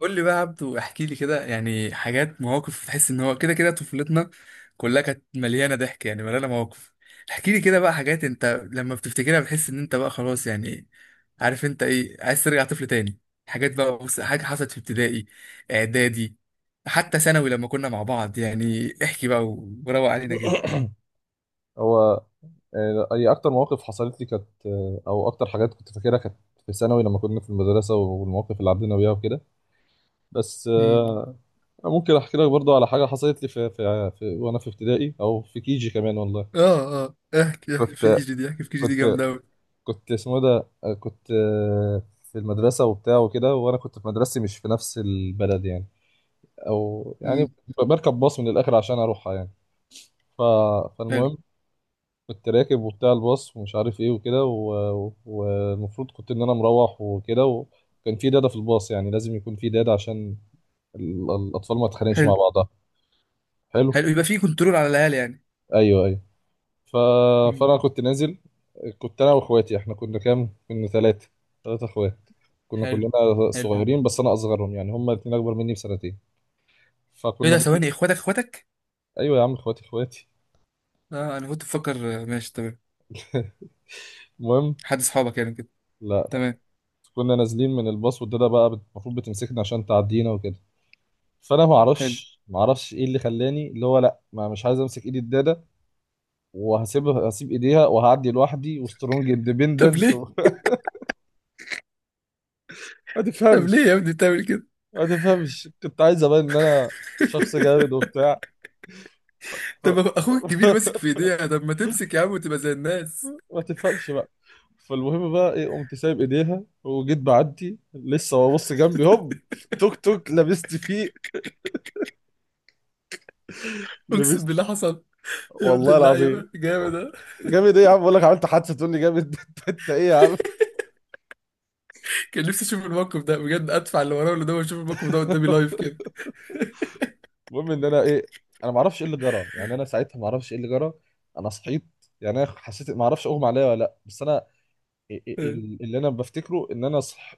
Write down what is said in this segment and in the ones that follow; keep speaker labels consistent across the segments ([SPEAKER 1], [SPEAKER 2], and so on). [SPEAKER 1] قول لي بقى يا عبدو، احكي لي كده يعني حاجات مواقف تحس ان هو كده كده طفولتنا كلها كانت مليانه ضحك، يعني مليانه مواقف. احكي لي كده بقى حاجات انت لما بتفتكرها بتحس ان انت بقى خلاص يعني عارف انت ايه، عايز ترجع طفل تاني. حاجات بقى، بص، حاجه حصلت في ابتدائي، اعدادي، حتى ثانوي لما كنا مع بعض، يعني احكي بقى وروق علينا كده.
[SPEAKER 2] هو آه، هي اكتر مواقف حصلت لي كانت او اكتر حاجات كنت فاكرها كانت في ثانوي لما كنا في المدرسه والمواقف اللي عدينا بيها وكده بس
[SPEAKER 1] امم
[SPEAKER 2] ممكن احكي لك برضه على حاجه حصلت لي في وانا في ابتدائي او في كيجي كمان والله.
[SPEAKER 1] اه اه، احكي احكي في كي
[SPEAKER 2] كنت
[SPEAKER 1] جي دي، احكي في كي جي دي
[SPEAKER 2] كنت
[SPEAKER 1] جامده قوي.
[SPEAKER 2] كنت اسمه إيه ده، كنت في المدرسه وبتاع وكده، وانا كنت في مدرستي مش في نفس البلد يعني، او
[SPEAKER 1] امم
[SPEAKER 2] بركب باص من الاخر عشان اروحها يعني. ف...
[SPEAKER 1] حلو.
[SPEAKER 2] فالمهم كنت راكب وبتاع الباص ومش عارف ايه وكده، والمفروض كنت ان انا مروح وكده، وكان في داده في الباص، يعني لازم يكون في داده عشان الاطفال ما تتخانقش
[SPEAKER 1] حلو.
[SPEAKER 2] مع بعضها. حلو.
[SPEAKER 1] حلو، يبقى في كنترول على العيال يعني.
[SPEAKER 2] ايوه ايوه. ف...
[SPEAKER 1] امم
[SPEAKER 2] فانا كنت نازل، كنت انا واخواتي. احنا كنا كام؟ كنا ثلاثه، ثلاثه اخوات. كنا
[SPEAKER 1] حلو.
[SPEAKER 2] كلنا
[SPEAKER 1] حلو.
[SPEAKER 2] صغيرين، بس انا اصغرهم يعني، هما الاثنين اكبر مني بسنتين.
[SPEAKER 1] ايه
[SPEAKER 2] فكنا
[SPEAKER 1] ده؟ ثواني،
[SPEAKER 2] جايين-
[SPEAKER 1] اخواتك؟
[SPEAKER 2] ايوه يا عم، اخواتي اخواتي.
[SPEAKER 1] اه، انا كنت بفكر، ماشي تمام.
[SPEAKER 2] المهم،
[SPEAKER 1] حد اصحابك يعني كده؟
[SPEAKER 2] لا
[SPEAKER 1] تمام.
[SPEAKER 2] كنا نازلين من الباص، والداده بقى المفروض بتمسكنا عشان تعدينا وكده. فانا ما
[SPEAKER 1] حلو.
[SPEAKER 2] اعرفش ما اعرفش ايه اللي خلاني اللي هو لا، ما مش عايز امسك ايد الداده، وهسيبها، هسيب ايديها وهعدي لوحدي وسترونج
[SPEAKER 1] طب
[SPEAKER 2] اندبندنت
[SPEAKER 1] ليه؟
[SPEAKER 2] ما
[SPEAKER 1] طب
[SPEAKER 2] تفهمش،
[SPEAKER 1] ليه يا ابني بتعمل كده؟
[SPEAKER 2] ما تفهمش، كنت عايز ابان ان انا شخص جامد وبتاع. ف...
[SPEAKER 1] طب اخوك الكبير ماسك في ايديها، طب ما تمسك يا عم وتبقى زي الناس.
[SPEAKER 2] ما تفهمش بقى. فالمهم بقى ايه، قمت سايب ايديها وجيت بعدي، لسه ببص جنبي، هوب، توك توك لبست فيه،
[SPEAKER 1] اقسم
[SPEAKER 2] لبست.
[SPEAKER 1] بالله حصل؟ يا ابن
[SPEAKER 2] والله
[SPEAKER 1] اللعيبه،
[SPEAKER 2] العظيم.
[SPEAKER 1] جامد ده.
[SPEAKER 2] جامد ايه يا عم؟ بقول لك عملت حادثه تقول لي جامد؟ إنت ايه يا عم.
[SPEAKER 1] كان نفسي اشوف الموقف ده بجد، ادفع اللي وراه ولا ده واشوف الموقف ده قدامي لايف كده.
[SPEAKER 2] المهم ان انا ايه، انا ما اعرفش ايه اللي جرى، يعني انا ساعتها ما اعرفش ايه اللي جرى. انا صحيت، يعني انا حسيت، ما اعرفش اغمى عليا ولا لا، بس انا
[SPEAKER 1] آه.
[SPEAKER 2] اللي انا بفتكره ان انا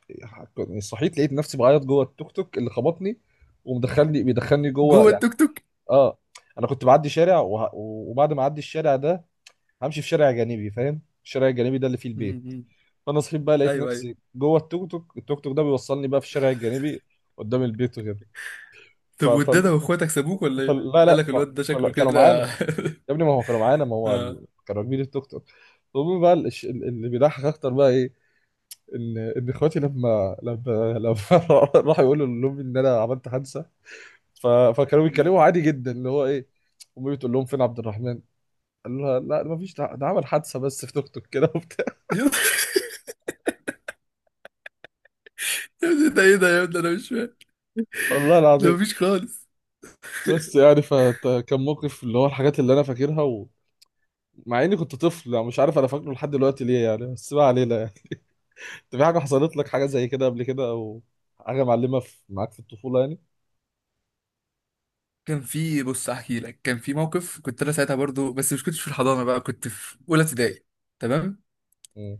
[SPEAKER 2] يعني صحيت لقيت نفسي بعيط جوه التوك توك اللي خبطني ومدخلني، بيدخلني جوه
[SPEAKER 1] جوه
[SPEAKER 2] يعني.
[SPEAKER 1] التوك توك؟
[SPEAKER 2] اه، انا كنت بعدي شارع وبعد ما اعدي الشارع ده همشي في شارع جانبي، فاهم؟ الشارع الجانبي ده اللي فيه
[SPEAKER 1] م-
[SPEAKER 2] البيت.
[SPEAKER 1] م.
[SPEAKER 2] فانا صحيت بقى لقيت
[SPEAKER 1] ايوه ايوه.
[SPEAKER 2] نفسي جوه التوك توك، التوك توك ده بيوصلني بقى في الشارع الجانبي قدام البيت وكده. ف...
[SPEAKER 1] طب
[SPEAKER 2] ف...
[SPEAKER 1] والدادا واخواتك سابوك ولا ايه؟
[SPEAKER 2] لا
[SPEAKER 1] قال
[SPEAKER 2] لا،
[SPEAKER 1] لك الواد ده شكله
[SPEAKER 2] كانوا معانا.
[SPEAKER 1] كده.
[SPEAKER 2] يا ابني ما هو كانوا معانا، ما هو
[SPEAKER 1] اه.
[SPEAKER 2] كانوا راكبين التوك توك. المهم بقى اللي بيضحك اكتر بقى ايه، ان ان اخواتي لما راحوا يقولوا لامي ان انا عملت حادثه، فكانوا
[SPEAKER 1] م.
[SPEAKER 2] بيتكلموا عادي جدا اللي هو ايه. امي بتقول لهم فين عبد الرحمن، قال لها لا ما فيش، ده ده عمل حادثه بس في توك توك كده وبتاع.
[SPEAKER 1] يا ابني ده ايه ده يا ابني، انا مش فاهم.
[SPEAKER 2] والله
[SPEAKER 1] ده
[SPEAKER 2] العظيم.
[SPEAKER 1] مفيش خالص.
[SPEAKER 2] بس يعني فكان موقف اللي هو، الحاجات اللي انا فاكرها ومع اني كنت طفل يعني، مش عارف انا فاكره لحد دلوقتي ليه يعني، بس ما علينا يعني. في حاجة حصلت لك حاجة زي كده قبل كده، أو حاجة معلمة في معاك في الطفولة يعني؟
[SPEAKER 1] كان في، بص احكي لك، كان في موقف كنت انا ساعتها برضو، بس مش كنتش في الحضانه بقى، كنت في اولى ابتدائي. تمام.
[SPEAKER 2] مم.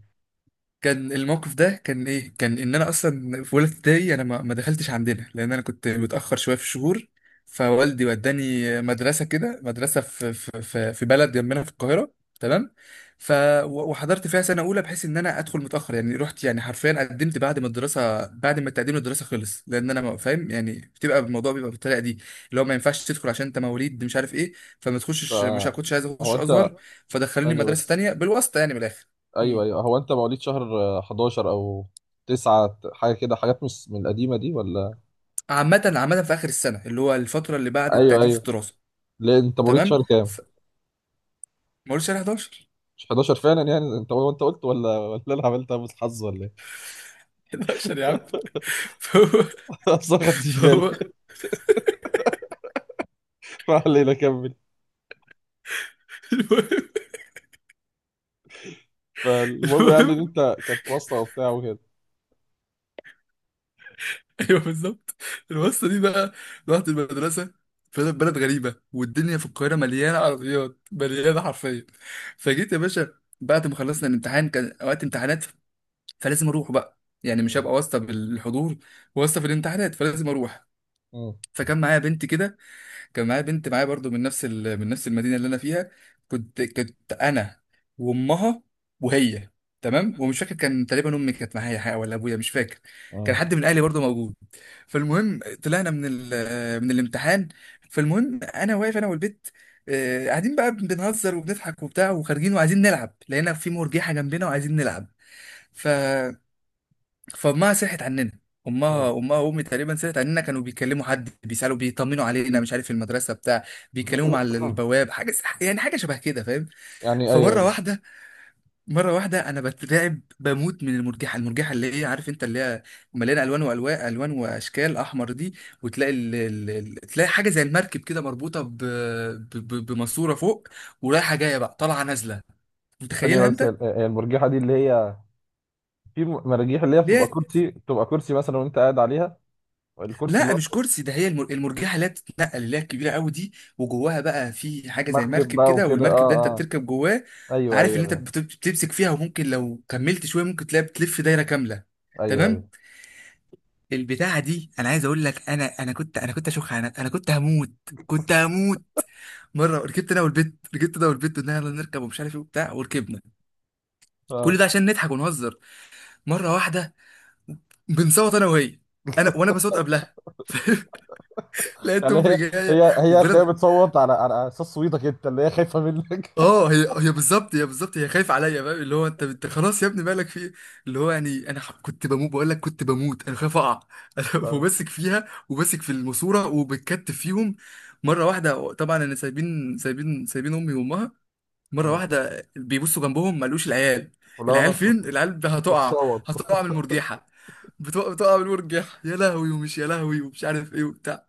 [SPEAKER 1] كان الموقف ده كان ايه، كان ان انا اصلا في اولى ابتدائي انا ما دخلتش عندنا لان انا كنت متاخر شويه في الشهور. فوالدي وداني مدرسه كده، مدرسه في بلد جنبنا في القاهره. تمام. ف وحضرت فيها سنه اولى بحيث ان انا ادخل متاخر يعني، رحت يعني حرفيا قدمت بعد ما الدراسه، بعد ما تقديم الدراسه خلص، لان انا فاهم يعني، بتبقى الموضوع بيبقى بالطريقه دي اللي هو ما ينفعش تدخل عشان انت مواليد مش عارف ايه. فما تخشش، مش
[SPEAKER 2] آه،
[SPEAKER 1] كنتش عايز
[SPEAKER 2] هو
[SPEAKER 1] اخش
[SPEAKER 2] أنت،
[SPEAKER 1] ازهر، فدخلوني
[SPEAKER 2] ثانية
[SPEAKER 1] مدرسه
[SPEAKER 2] بس،
[SPEAKER 1] تانية بالواسطه يعني من الاخر.
[SPEAKER 2] أيوه أيوه، هو أنت مواليد شهر 11 أو 9، حاجة كده، حاجات مش من القديمة دي ولا؟
[SPEAKER 1] عامة عامة في آخر السنة اللي هو الفترة اللي بعد
[SPEAKER 2] أيوه
[SPEAKER 1] التقديم في
[SPEAKER 2] أيوه.
[SPEAKER 1] الدراسة.
[SPEAKER 2] ليه أنت مواليد
[SPEAKER 1] تمام.
[SPEAKER 2] شهر كام؟
[SPEAKER 1] ف... ما قلتش على 11.
[SPEAKER 2] مش 11 فعلا؟ يعني أنت هو أنت قلت، ولا ولا أنا عملتها بس حظ، ولا إيه؟
[SPEAKER 1] 11 يا عم. فهو
[SPEAKER 2] أصلا ما خدتش بالي.
[SPEAKER 1] فهو
[SPEAKER 2] ما علينا، كمل.
[SPEAKER 1] المهم.
[SPEAKER 2] فالمهم يعني
[SPEAKER 1] المهم.
[SPEAKER 2] إن أنت كانت واسطة وبتاع وكده.
[SPEAKER 1] ايوه بالظبط. الواسطة دي بقى، رحت المدرسة، فأنا في بلد غريبة والدنيا في القاهرة مليانة عربيات، مليانة حرفيا. فجيت يا باشا بعد ما خلصنا الامتحان، كان وقت امتحانات فلازم أروح بقى يعني، مش
[SPEAKER 2] مم.
[SPEAKER 1] هبقى واسطة بالحضور، واسطة في الامتحانات، فلازم أروح.
[SPEAKER 2] مم.
[SPEAKER 1] فكان معايا بنت كده، كان معايا بنت معايا برضو من نفس من نفس المدينه اللي انا فيها. كنت انا وامها وهي. تمام. ومش فاكر كان تقريبا امي كانت معايا حاجه ولا ابويا، مش فاكر. كان
[SPEAKER 2] مم.
[SPEAKER 1] حد من اهلي برضو موجود. فالمهم طلعنا من من الامتحان. فالمهم انا واقف انا والبت، قاعدين بقى بنهزر وبنضحك وبتاع وخارجين وعايزين نلعب، لقينا في مرجيحه جنبنا وعايزين نلعب. ف فامها سرحت عننا، امها
[SPEAKER 2] مم.
[SPEAKER 1] امها وامي تقريبا سرحت عننا، كانوا بيكلموا حد بيسالوا بيطمنوا علينا مش عارف في المدرسه بتاع، بيكلموا على البواب حاجه يعني، حاجه شبه كده فاهم.
[SPEAKER 2] يعني أيوه
[SPEAKER 1] فمره
[SPEAKER 2] أيوه.
[SPEAKER 1] واحده، مره واحده انا بترعب بموت من المرجحه، المرجحه اللي هي عارف انت اللي هي مليانه الوان والوان، الوان واشكال، احمر دي، وتلاقي تلاقي حاجه زي المركب كده مربوطه بماسوره فوق ورايحه جايه بقى، طالعه نازله،
[SPEAKER 2] ثانية
[SPEAKER 1] متخيلها
[SPEAKER 2] بس،
[SPEAKER 1] انت.
[SPEAKER 2] المرجحة دي اللي هي، في مراجيح اللي هي بتبقى
[SPEAKER 1] ليه؟
[SPEAKER 2] كرسي، بتبقى كرسي مثلا وانت قاعد عليها، الكرسي اللي
[SPEAKER 1] لا
[SPEAKER 2] هو،
[SPEAKER 1] مش كرسي، ده هي المرجحه اللي هي بتتنقل اللي هي الكبيره قوي دي، وجواها بقى في حاجه زي
[SPEAKER 2] مركب
[SPEAKER 1] مركب
[SPEAKER 2] بقى
[SPEAKER 1] كده،
[SPEAKER 2] وكده، اه
[SPEAKER 1] والمركب ده انت
[SPEAKER 2] اه. آه،
[SPEAKER 1] بتركب جواه.
[SPEAKER 2] ايوه
[SPEAKER 1] عارف ان انت
[SPEAKER 2] ايوه
[SPEAKER 1] بتمسك فيها وممكن لو كملت شويه ممكن تلاقي بتلف دايره كامله.
[SPEAKER 2] ايوه
[SPEAKER 1] تمام.
[SPEAKER 2] ايوه.
[SPEAKER 1] البتاعه دي انا عايز اقول لك، انا كنت اشوخ، انا كنت هموت، كنت هموت. مره ركبت انا والبت، ركبت انا والبت، قلنا يلا نركب ومش عارف ايه وبتاع، وركبنا. كل
[SPEAKER 2] اه،
[SPEAKER 1] ده عشان نضحك ونهزر. مره واحده بنصوت انا وهي، انا، وانا بصوت قبلها. لقيت
[SPEAKER 2] يعني
[SPEAKER 1] امي
[SPEAKER 2] هي
[SPEAKER 1] جايه
[SPEAKER 2] هي هي هتلاقيها
[SPEAKER 1] وبلا.
[SPEAKER 2] بتصوت على على اساس صوتك انت، اللي هي خايفة منك.
[SPEAKER 1] اه هي هي بالظبط، هي بالظبط هي خايفه عليا بقى، اللي هو انت انت خلاص يا ابني مالك في ايه، اللي هو يعني انا كنت بموت بقول لك، كنت بموت انا خايف اقع.
[SPEAKER 2] اه.
[SPEAKER 1] وماسك فيها وماسك في الماسوره وبتكتف فيهم. مره واحده طبعا انا، سايبين امي وامها، مره
[SPEAKER 2] مم.
[SPEAKER 1] واحده بيبصوا جنبهم ما لقوش العيال.
[SPEAKER 2] ولو
[SPEAKER 1] العيال
[SPEAKER 2] نفسه
[SPEAKER 1] فين، العيال هتقع،
[SPEAKER 2] بتصوت.
[SPEAKER 1] هتقع من المرجيحه، بتقع بتقع من المرجيحه، يا لهوي ومش، يا لهوي ومش عارف ايه وبتاع.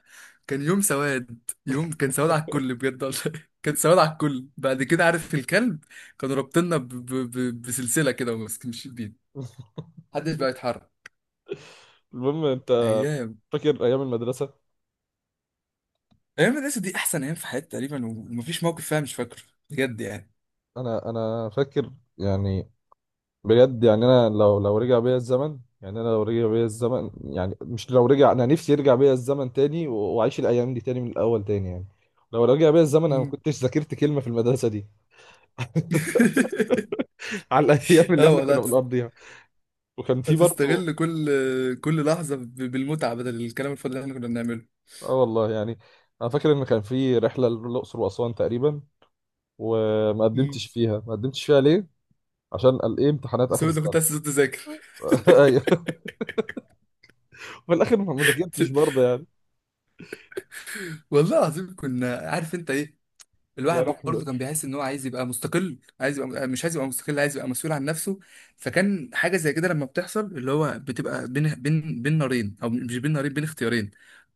[SPEAKER 1] كان يوم سواد، يوم كان سواد على الكل بجد والله. كان سواد على الكل. بعد كده عارف الكلب، كانوا رابطيننا بسلسله كده وماسكين بينا، محدش بقى يتحرك.
[SPEAKER 2] المهم، انت
[SPEAKER 1] ايام.
[SPEAKER 2] فاكر ايام المدرسة؟
[SPEAKER 1] ايام المدرسه دي احسن ايام في حياتي تقريبا، ومفيش موقف فيها مش فاكره، بجد يعني.
[SPEAKER 2] انا انا فاكر يعني، بجد يعني انا لو رجع بيا الزمن، يعني انا لو رجع بيا الزمن، يعني مش لو رجع، انا نفسي يرجع بيا الزمن تاني واعيش الايام دي تاني من الاول تاني يعني. لو رجع بيا الزمن انا ما
[SPEAKER 1] مم.
[SPEAKER 2] كنتش ذاكرت كلمه في المدرسه دي. على الايام اللي
[SPEAKER 1] اه
[SPEAKER 2] احنا كنا
[SPEAKER 1] والله.
[SPEAKER 2] بنقضيها. وكان في برضه،
[SPEAKER 1] هتستغل كل، كل لحظة بالمتعة بدل الكلام الفاضي اللي احنا كنا بنعمله.
[SPEAKER 2] اه والله يعني. انا فاكر ان كان في رحله للاقصر واسوان تقريبا، وما
[SPEAKER 1] امم
[SPEAKER 2] قدمتش فيها. ما قدمتش فيها ليه؟ عشان قال ايه امتحانات اخر
[SPEAKER 1] بسبب انك كنت
[SPEAKER 2] السنه.
[SPEAKER 1] عايز تقعد تذاكر.
[SPEAKER 2] ايوه. في الاخر ما ذاكرتش برضه يعني.
[SPEAKER 1] والله العظيم كنا عارف انت ايه،
[SPEAKER 2] لا
[SPEAKER 1] الواحد
[SPEAKER 2] رحمه.
[SPEAKER 1] برضه كان بيحس ان هو عايز يبقى مستقل، عايز يبقى، مش عايز يبقى مستقل، عايز يبقى مسؤول عن نفسه. فكان حاجة زي كده لما بتحصل، اللي هو بتبقى بين، بين، بين نارين، او مش بين نارين، بين اختيارين،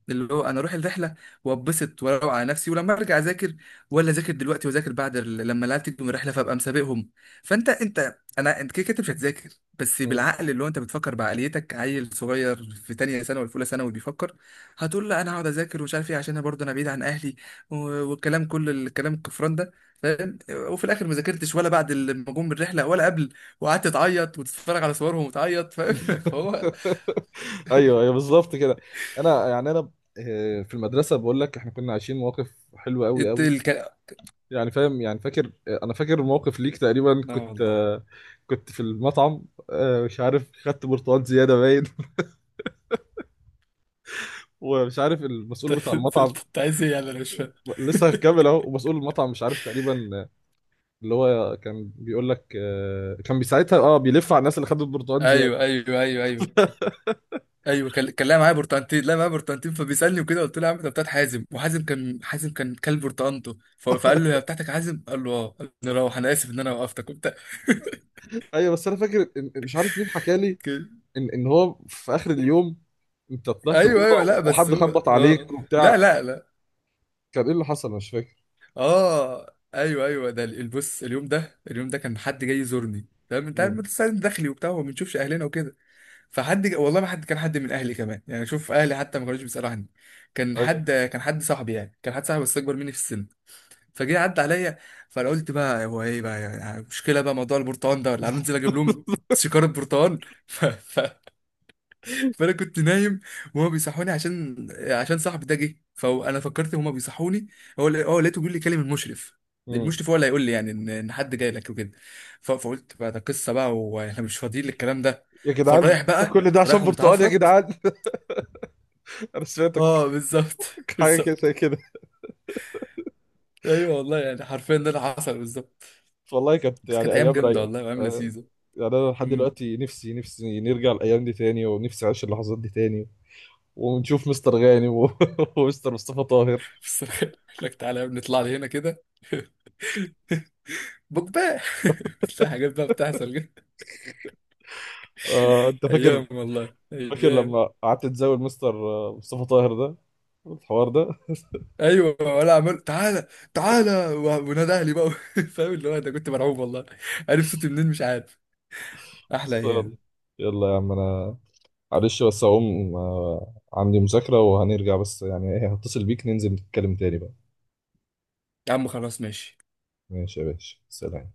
[SPEAKER 1] اللي هو انا اروح الرحله واتبسط واروق على نفسي ولما ارجع اذاكر، ولا اذاكر دلوقتي واذاكر بعد لما العيال تيجي من الرحله فابقى مسابقهم. فانت انت انا انت كده كده مش هتذاكر، بس بالعقل اللي هو انت بتفكر بعقليتك عيل صغير في تانية ثانوي ولا في اولى ثانوي بيفكر، هتقول لا انا هقعد اذاكر ومش عارف ايه عشان انا برضه انا بعيد عن اهلي، و- والكلام، كل الكلام الكفران ده، فاهم، وفي الاخر ما ذاكرتش ولا بعد لما جم من الرحله ولا قبل، وقعدت تعيط وتتفرج على صورهم وتعيط فاهم. فهو
[SPEAKER 2] ايوه ايوه بالظبط كده. انا يعني انا في المدرسه بقول لك احنا كنا عايشين مواقف حلوه قوي
[SPEAKER 1] الت-
[SPEAKER 2] قوي.
[SPEAKER 1] الك...
[SPEAKER 2] يعني فاهم؟ يعني فاكر، انا فاكر موقف ليك تقريبا
[SPEAKER 1] لا
[SPEAKER 2] كنت
[SPEAKER 1] والله.
[SPEAKER 2] كنت في المطعم، مش عارف خدت برتقال زياده باين. ومش عارف المسؤول بتاع المطعم،
[SPEAKER 1] انت عايز ايه يعني، انا مش فاهم.
[SPEAKER 2] لسه هكمل اهو. ومسؤول المطعم مش عارف تقريبا، اللي هو كان بيقول لك كان بيساعدها، اه بيلف على الناس اللي خدت برتقال زياده.
[SPEAKER 1] ايوه ايوه ايوه ايوه. ايوه كان كان لاعب معايا برتقانتين، لا معايا برتقانتين، فبيسالني وكده قلت له يا عم ده بتاعت حازم، وحازم كان، حازم كان كلب برتقانته، فقال له هي بتاعتك يا حازم، قال له اه، قال له روح انا اسف ان انا وقفتك وبتاع
[SPEAKER 2] ايوه، بس انا فاكر مش عارف مين حكى لي
[SPEAKER 1] كده.
[SPEAKER 2] ان ان هو في اخر اليوم انت طلعت
[SPEAKER 1] ايوه
[SPEAKER 2] الاوضه
[SPEAKER 1] ايوه. لا بس
[SPEAKER 2] وحد
[SPEAKER 1] هو
[SPEAKER 2] خبط
[SPEAKER 1] اه،
[SPEAKER 2] عليك وبتاع.
[SPEAKER 1] لا لا لا.
[SPEAKER 2] كان ايه اللي حصل؟ أنا مش فاكر.
[SPEAKER 1] اه ايوه ايوه، ده البص، اليوم ده، اليوم ده كان حد جاي يزورني، تمام، انت عارف
[SPEAKER 2] مم.
[SPEAKER 1] بس داخلي وبتاع وما بنشوفش اهلنا وكده. فحد والله ما حد كان، حد من اهلي كمان يعني، شوف اهلي حتى ما كانوش بيسالوا عني، كان حد
[SPEAKER 2] ايوه.
[SPEAKER 1] كان حد صاحبي يعني، كان حد صاحبي بس اكبر مني في السن. فجه عدى عليا، فانا قلت بقى هو ايه بقى يعني مشكله بقى موضوع البرتقال ده، ولا هننزل اجيب لهم شكاره برتقال. ف... ف... فانا كنت نايم وهما بيصحوني عشان، عشان صاحبي ده جه، فانا فكرت هما بيصحوني، هو لقيته بيقول لي كلم المشرف،
[SPEAKER 2] مم.
[SPEAKER 1] المشرف هو اللي هيقول لي يعني ان إن حد جاي لك وكده. فقلت بقى ده قصه بقى واحنا مش فاضيين للكلام ده،
[SPEAKER 2] يا جدعان
[SPEAKER 1] فرايح
[SPEAKER 2] ده
[SPEAKER 1] بقى،
[SPEAKER 2] كل ده
[SPEAKER 1] رايح
[SPEAKER 2] عشان برتقال يا
[SPEAKER 1] ومتعفرت.
[SPEAKER 2] جدعان. انا سمعتك
[SPEAKER 1] اه بالظبط.
[SPEAKER 2] حاجه كده
[SPEAKER 1] بالظبط.
[SPEAKER 2] زي كده.
[SPEAKER 1] ايوه والله يعني حرفيا ده اللي حصل بالظبط.
[SPEAKER 2] والله كانت
[SPEAKER 1] بس
[SPEAKER 2] يعني
[SPEAKER 1] كانت ايام
[SPEAKER 2] ايام
[SPEAKER 1] جامده
[SPEAKER 2] رايقه.
[SPEAKER 1] والله، وايام
[SPEAKER 2] آه،
[SPEAKER 1] لذيذه.
[SPEAKER 2] يعني انا لحد
[SPEAKER 1] امم
[SPEAKER 2] دلوقتي نفسي، نفسي نرجع الايام دي تاني، ونفسي اعيش اللحظات دي تاني، ونشوف مستر غانم ومستر مصطفى طاهر.
[SPEAKER 1] بصراحه. يقول لك تعالى يا ابني نطلع لي هنا كده. بوجباه. بتلاقي حاجات بقى بتحصل كده.
[SPEAKER 2] انت فاكر،
[SPEAKER 1] ايام والله
[SPEAKER 2] فاكر
[SPEAKER 1] ايام.
[SPEAKER 2] لما قعدت تزاول مستر مصطفى طاهر ده، الحوار ده؟
[SPEAKER 1] ايوه ولا عمال تعالى تعالى، ونادى اهلي بقى. فاهم اللي هو ده، كنت مرعوب والله، عارف صوتي منين مش عارف. احلى
[SPEAKER 2] بس يلا،
[SPEAKER 1] ايام.
[SPEAKER 2] يلا يا عم، انا معلش بس هقوم، عندي مذاكرة وهنرجع، بس يعني ايه، هتصل بيك ننزل نتكلم تاني بقى.
[SPEAKER 1] يا عم خلاص ماشي.
[SPEAKER 2] ماشي يا باشا، سلام.